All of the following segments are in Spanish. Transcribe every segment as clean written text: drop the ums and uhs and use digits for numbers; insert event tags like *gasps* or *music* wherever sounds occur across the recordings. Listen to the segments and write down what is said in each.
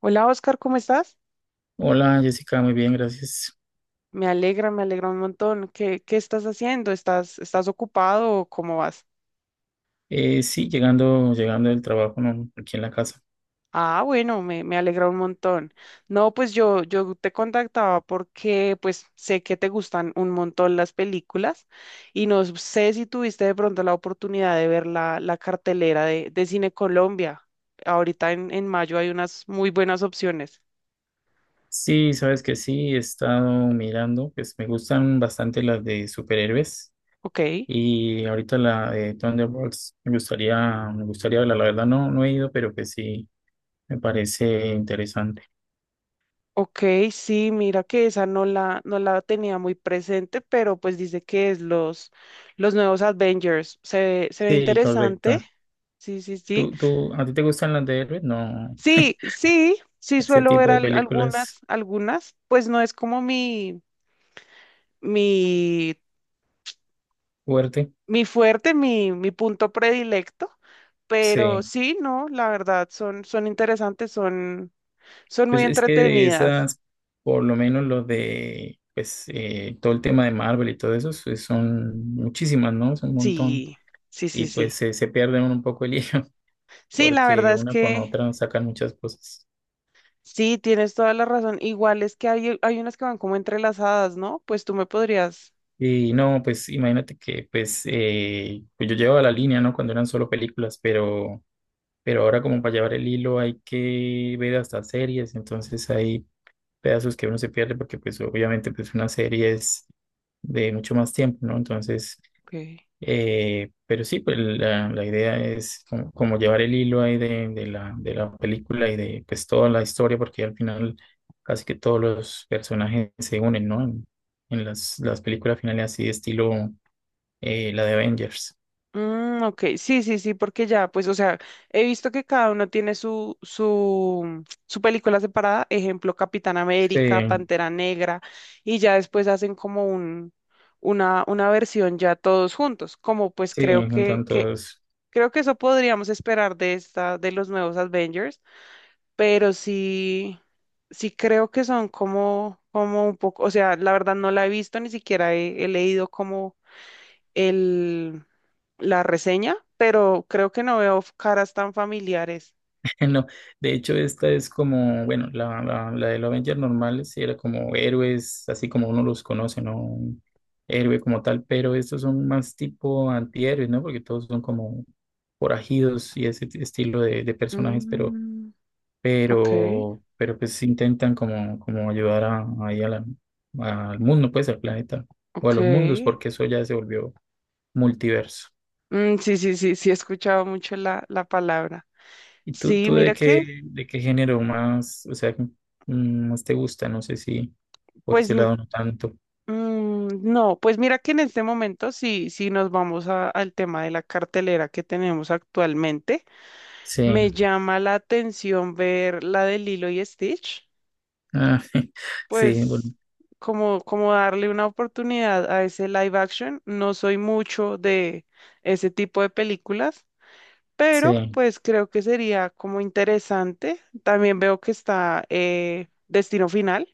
Hola Oscar, ¿cómo estás? Hola Jessica, muy bien, gracias. Me alegra un montón. ¿Qué estás haciendo? ¿Estás ocupado o cómo vas? Sí, llegando del trabajo, ¿no? Aquí en la casa. Ah, bueno, me alegra un montón. No, pues yo te contactaba porque pues sé que te gustan un montón las películas y no sé si tuviste de pronto la oportunidad de ver la cartelera de Cine Colombia. Ahorita en mayo hay unas muy buenas opciones. Sí, sabes que sí, he estado mirando, pues me gustan bastante las de superhéroes, Ok. y ahorita la de Thunderbolts me gustaría verla, la verdad no, no he ido, pero que sí, me parece interesante. Ok, sí, mira que esa no no la tenía muy presente, pero pues dice que es los nuevos Avengers. Se ve Sí, interesante. correcto. Sí, sí, sí. A ti te gustan las de héroes? No, Sí, sí, sí ese suelo ver tipo de películas algunas, algunas. Pues no es como mi, fuerte. mi fuerte, mi punto predilecto, pero Sí. sí, no, la verdad, son, son interesantes, son, son muy Pues es que de entretenidas. esas, por lo menos los de, pues todo el tema de Marvel y todo eso, pues, son muchísimas, ¿no? Es un montón. Sí, sí, Y sí, pues sí. se pierden un poco el hilo, *laughs* Sí, la porque verdad es una con que... otra sacan muchas cosas. Sí, tienes toda la razón. Igual es que hay unas que van como entrelazadas, ¿no? Pues tú me podrías. Y no, pues imagínate que pues yo llevaba la línea, ¿no? Cuando eran solo películas, pero, ahora como para llevar el hilo hay que ver hasta series, entonces hay pedazos que uno se pierde porque pues obviamente pues una serie es de mucho más tiempo, ¿no? Entonces, Ok. Pero sí, pues la idea es como llevar el hilo ahí de la película y de pues toda la historia, porque al final casi que todos los personajes se unen, ¿no? En las películas finales así de estilo, la de Avengers. Ok, sí, sí, sí, porque ya, pues, o sea, he visto que cada uno tiene su película separada, ejemplo, Capitán Sí, América, Pantera Negra, y ya después hacen como una versión ya todos juntos, como pues sí, creo juntan todos. creo que eso podríamos esperar de esta, de los nuevos Avengers, pero sí, sí creo que son como, como un poco, o sea, la verdad no la he visto, ni siquiera he leído como el, la reseña, pero creo que no veo caras tan familiares. *laughs* No, de hecho, esta es como, bueno, la de los Avengers normales sí era como héroes, así como uno los conoce, ¿no? Un héroe como tal, pero estos son más tipo antihéroes, ¿no? Porque todos son como forajidos y ese estilo de personajes, pero, Mm, ok, pues intentan como ayudar ahí al mundo, pues al planeta, o a ok. los mundos, porque eso ya se volvió multiverso. Mm, sí, sí, sí, sí, he escuchado mucho la palabra. ¿Y tú, Sí, tú de mira qué, que, de qué género más, o sea, más te gusta? No sé si por pues, ese mm, lado no tanto. no, pues mira que en este momento sí, sí nos vamos al tema de la cartelera que tenemos actualmente. Sí, Me llama la atención ver la de Lilo y Stitch, ah, *laughs* sí, bueno, pues como, como darle una oportunidad a ese live action. No soy mucho de ese tipo de películas, pero sí, pues creo que sería como interesante. También veo que está Destino Final.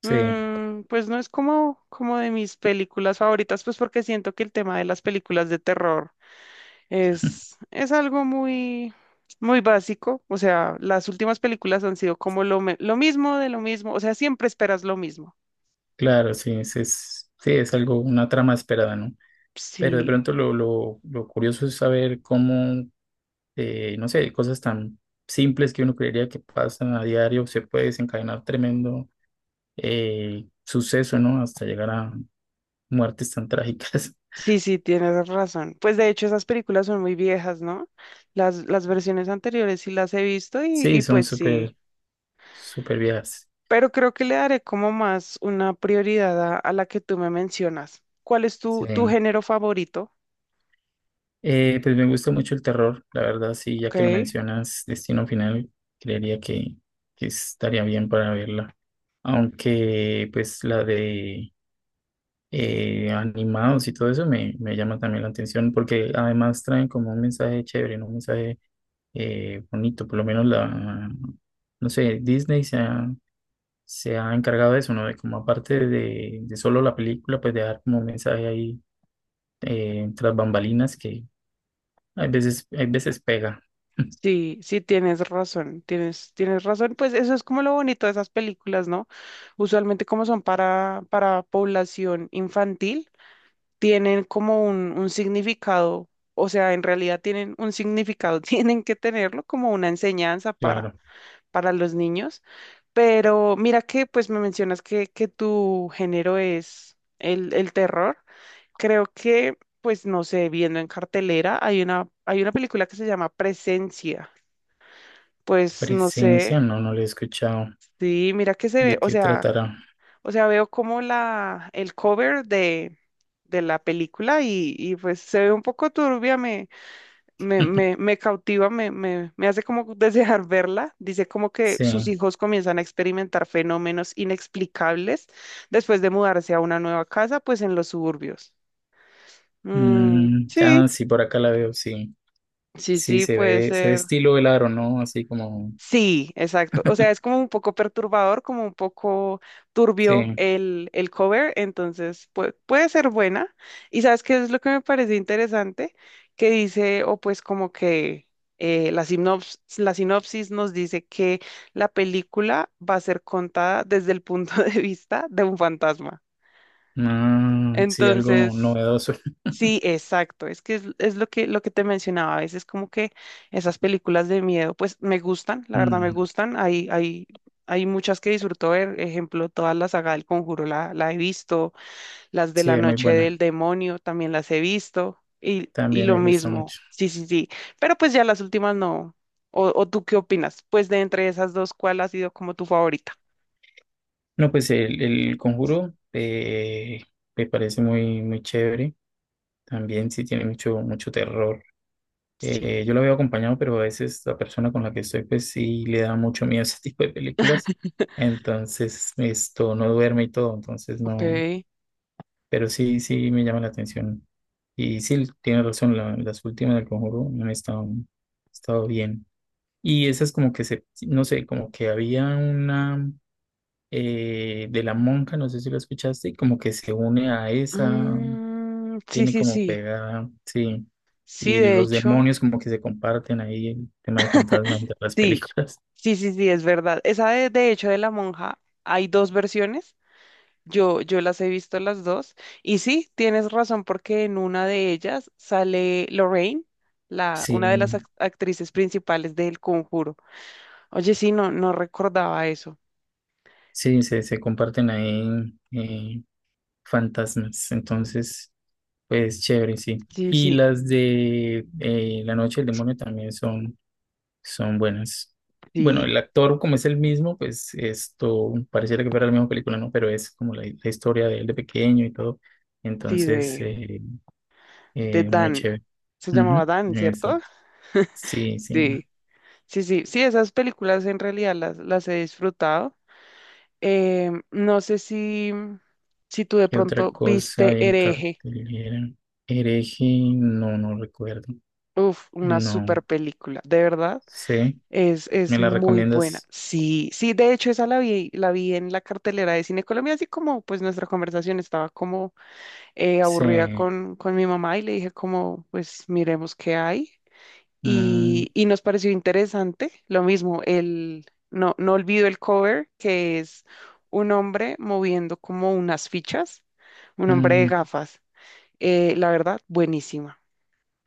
sí, Mm, pues no es como, como de mis películas favoritas, pues porque siento que el tema de las películas de terror *laughs* es algo muy, muy básico. O sea, las últimas películas han sido como lo mismo de lo mismo. O sea, siempre esperas lo mismo. claro, sí, sí, es algo, una trama esperada, ¿no? Pero de Sí, pronto lo curioso es saber cómo, no sé, cosas tan simples que uno creería que pasan a diario, se puede desencadenar tremendo, suceso, ¿no? Hasta llegar a muertes tan trágicas. *laughs* sí, sí, tienes razón. Pues de hecho, esas películas son muy viejas, ¿no? Las versiones anteriores sí las he visto Sí, y son pues sí. súper, súper viejas. Pero creo que le daré como más una prioridad a la que tú me mencionas. ¿Cuál es Sí. tu género favorito? Pues me gusta mucho el terror, la verdad, sí, ya que lo Ok. mencionas, Destino Final, creería que estaría bien para verla. Aunque, pues, la de animados y todo eso me llama también la atención, porque además traen como un mensaje chévere, ¿no? Un mensaje, bonito, por lo menos la, no sé, Disney se ha encargado de eso, ¿no? De como aparte de solo la película, pues de dar como un mensaje ahí, tras bambalinas que hay veces, hay veces pega. *laughs* Sí, sí tienes razón, tienes, tienes razón. Pues eso es como lo bonito de esas películas, ¿no? Usualmente como son para población infantil, tienen como un significado, o sea, en realidad tienen un significado, *laughs* tienen que tenerlo como una enseñanza Claro. para los niños. Pero mira que pues me mencionas que tu género es el terror. Creo que, pues no sé, viendo en cartelera, hay una película que se llama Presencia. Pues no sé, Presencia, no, no lo he escuchado. sí, mira que se ve, ¿De o qué sea, tratará? o sea, veo como el cover de la película y pues se ve un poco turbia, me cautiva, me hace como *laughs* desear verla. Dice como que Sí. sus hijos comienzan a experimentar fenómenos inexplicables después de mudarse a una nueva casa, pues en los suburbios. Mm, sí, Ah, sí, por acá la veo, sí. sí, Sí, sí, se puede ve, se ve ser. estilo el aro, ¿no? Así como, Sí, exacto. O sea, es como un poco perturbador, como un poco turbio sí. El cover, entonces puede ser buena. Y sabes qué es lo que me parece interesante, que dice, o pues como que la sinopsis nos dice que la película va a ser contada desde el punto *laughs* de vista de un fantasma. Ah, sí, algo Entonces... novedoso. Sí, *laughs* exacto. Es que es lo lo que te mencionaba. A veces como que esas películas de miedo, pues me gustan, la verdad me Mm, gustan. Hay muchas que disfruto ver. Ejemplo, toda la saga del Conjuro la he visto. Las de sí, la es muy noche buena. del demonio también las he visto. Y También lo me gusta mismo. mucho. Sí, sí, sí. Pero pues ya las últimas no. ¿O tú qué opinas? Pues de entre esas dos, ¿cuál ha sido como tu favorita? No, pues el Conjuro, me parece muy, muy chévere. También sí tiene mucho, mucho terror. Sí. Yo lo veo acompañado, pero a veces la persona con la que estoy, pues sí le da mucho miedo ese *laughs* tipo de películas. *laughs* Entonces, esto no duerme y todo. Entonces, Ok. no. Pero sí, sí me llama la atención. Y sí, tiene razón, las últimas del Conjuro no han estado, han estado bien. Y esas como que se, no sé, como que había una, de la monja, no sé si la escuchaste, y como que se une a esa, Mm, sí, viene sí, como sí. pegada, sí. Sí, Y de los hecho. demonios como que se comparten ahí el tema de fantasmas entre las Sí, películas. *laughs* sí, sí, sí, es verdad. Esa de hecho de la monja hay dos versiones. Yo las he visto las dos. Y sí, tienes razón porque en una de ellas sale Lorraine, Sí, una de las actrices principales del Conjuro. Oye, sí, no, no recordaba eso. sí, se comparten ahí, fantasmas. Entonces, pues chévere, sí. Sí, Y sí, las de La Noche del Demonio también son, son buenas. Bueno, sí, el actor como es el mismo, pues esto pareciera que fuera la misma película, ¿no? Pero es como la historia de él de pequeño y todo. sí, Entonces, de muy Dan. chévere. Se llamaba Ujú, Dan, eso. ¿cierto? Sí, sí. Sí, sí, sí, sí, esas películas en realidad las he disfrutado. No sé si tú de ¿Qué otra pronto cosa viste hay en Hereje. cartelera? Hereje, no, no recuerdo. Uf, una No super película, de verdad. sé. ¿Me Es la muy buena. recomiendas? Sí, sí, de hecho esa la vi en la cartelera de Cine Colombia, así como pues nuestra conversación estaba como aburrida Sí. Con mi mamá y le dije como pues miremos qué hay. Mm, Y, y nos pareció interesante. Lo mismo, el, no, no olvido el cover, que es un hombre moviendo como unas fichas, un hombre de mm, gafas. La verdad,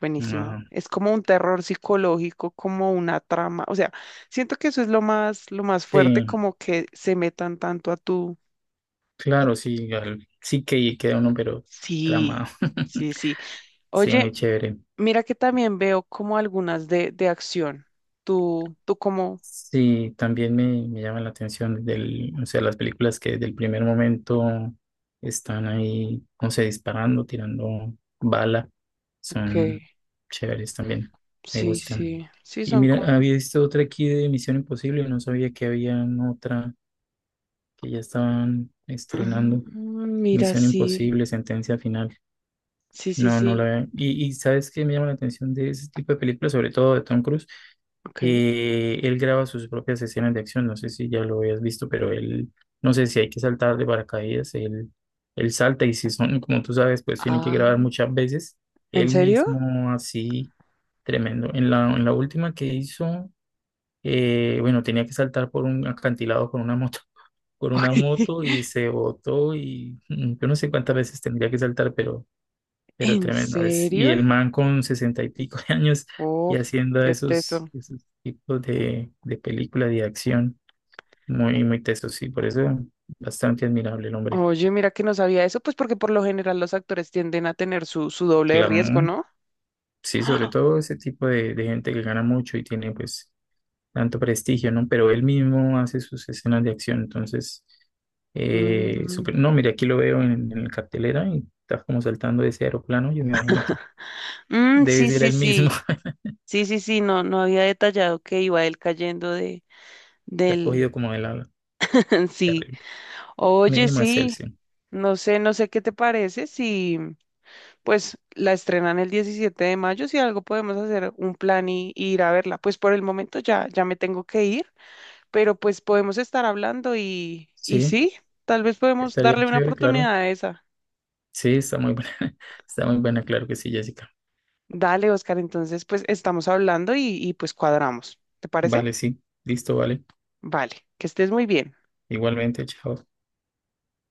buenísima. no. Es como un terror psicológico, como una trama. O sea, siento que eso es lo más Sí, fuerte, como que se metan tanto a tu... a- claro, sí. Sí que ahí queda uno, pero Sí, tramado. *laughs* sí, sí. Sí, Oye, muy chévere. mira que también veo como algunas de acción. Tú como, Sí, también me llama la atención del, o sea, las películas que del primer momento están ahí, no sé, disparando, tirando bala, ok. son chéveres también, me Sí, gustan. sí, sí, Y son como... mira, había visto otra aquí de Misión Imposible, no sabía que había otra que ya estaban estrenando, Mm, mira, Misión sí, Imposible, Sentencia Final. sí, sí, No, no la sí, veo. Y ¿sabes qué me llama la atención de ese tipo de películas, sobre todo de Tom Cruise? ok. Que él graba sus propias escenas de acción. No sé si ya lo habías visto, pero él, no sé si hay que saltar de paracaídas, él salta y si son, como tú sabes, pues tienen que Ah, grabar muchas veces. ¿en Él serio? mismo así, tremendo. En la última que hizo, bueno, tenía que saltar por un acantilado con una moto, *laughs* con una *laughs* moto, y se botó, y yo no sé cuántas veces tendría que saltar, pero ¿En tremendo es. Y serio? el man con 60 y pico de años y Uf, haciendo qué teso. esos, esos tipos de películas de acción muy, muy tesos, sí, por eso bastante admirable el hombre. Oye, mira que no sabía eso, pues porque por lo general los actores tienden a tener su doble de riesgo, Claro, ¿no? *gasps* sí, sobre Ah, todo ese tipo de gente que gana mucho y tiene pues tanto prestigio, ¿no? Pero él mismo hace sus escenas de acción, entonces, mm, no, mira, aquí lo veo en la cartelera y está como saltando de ese aeroplano, yo me imagino que mm, debe sí, ser sí, el mismo, sí, *laughs* sí, sí, sí, no, no había detallado que iba él cayendo de, está del, cogido como del ala. *laughs* sí. Oye, Mínimo de sí, Celsius. no sé, no sé qué te parece si... pues la estrenan el 17 de mayo, si algo podemos hacer un plan y ir a verla. Pues por el momento ya, ya me tengo que ir, pero pues podemos estar hablando y Sí, sí, tal vez podemos estaría darle una chévere, claro. oportunidad a esa. Sí, está muy buena. *laughs* Está muy buena, claro que sí, Jessica. Dale, Oscar, entonces pues estamos hablando y pues cuadramos. ¿Te parece? Vale, sí. Listo, vale. Vale, que estés muy bien. Igualmente, chao.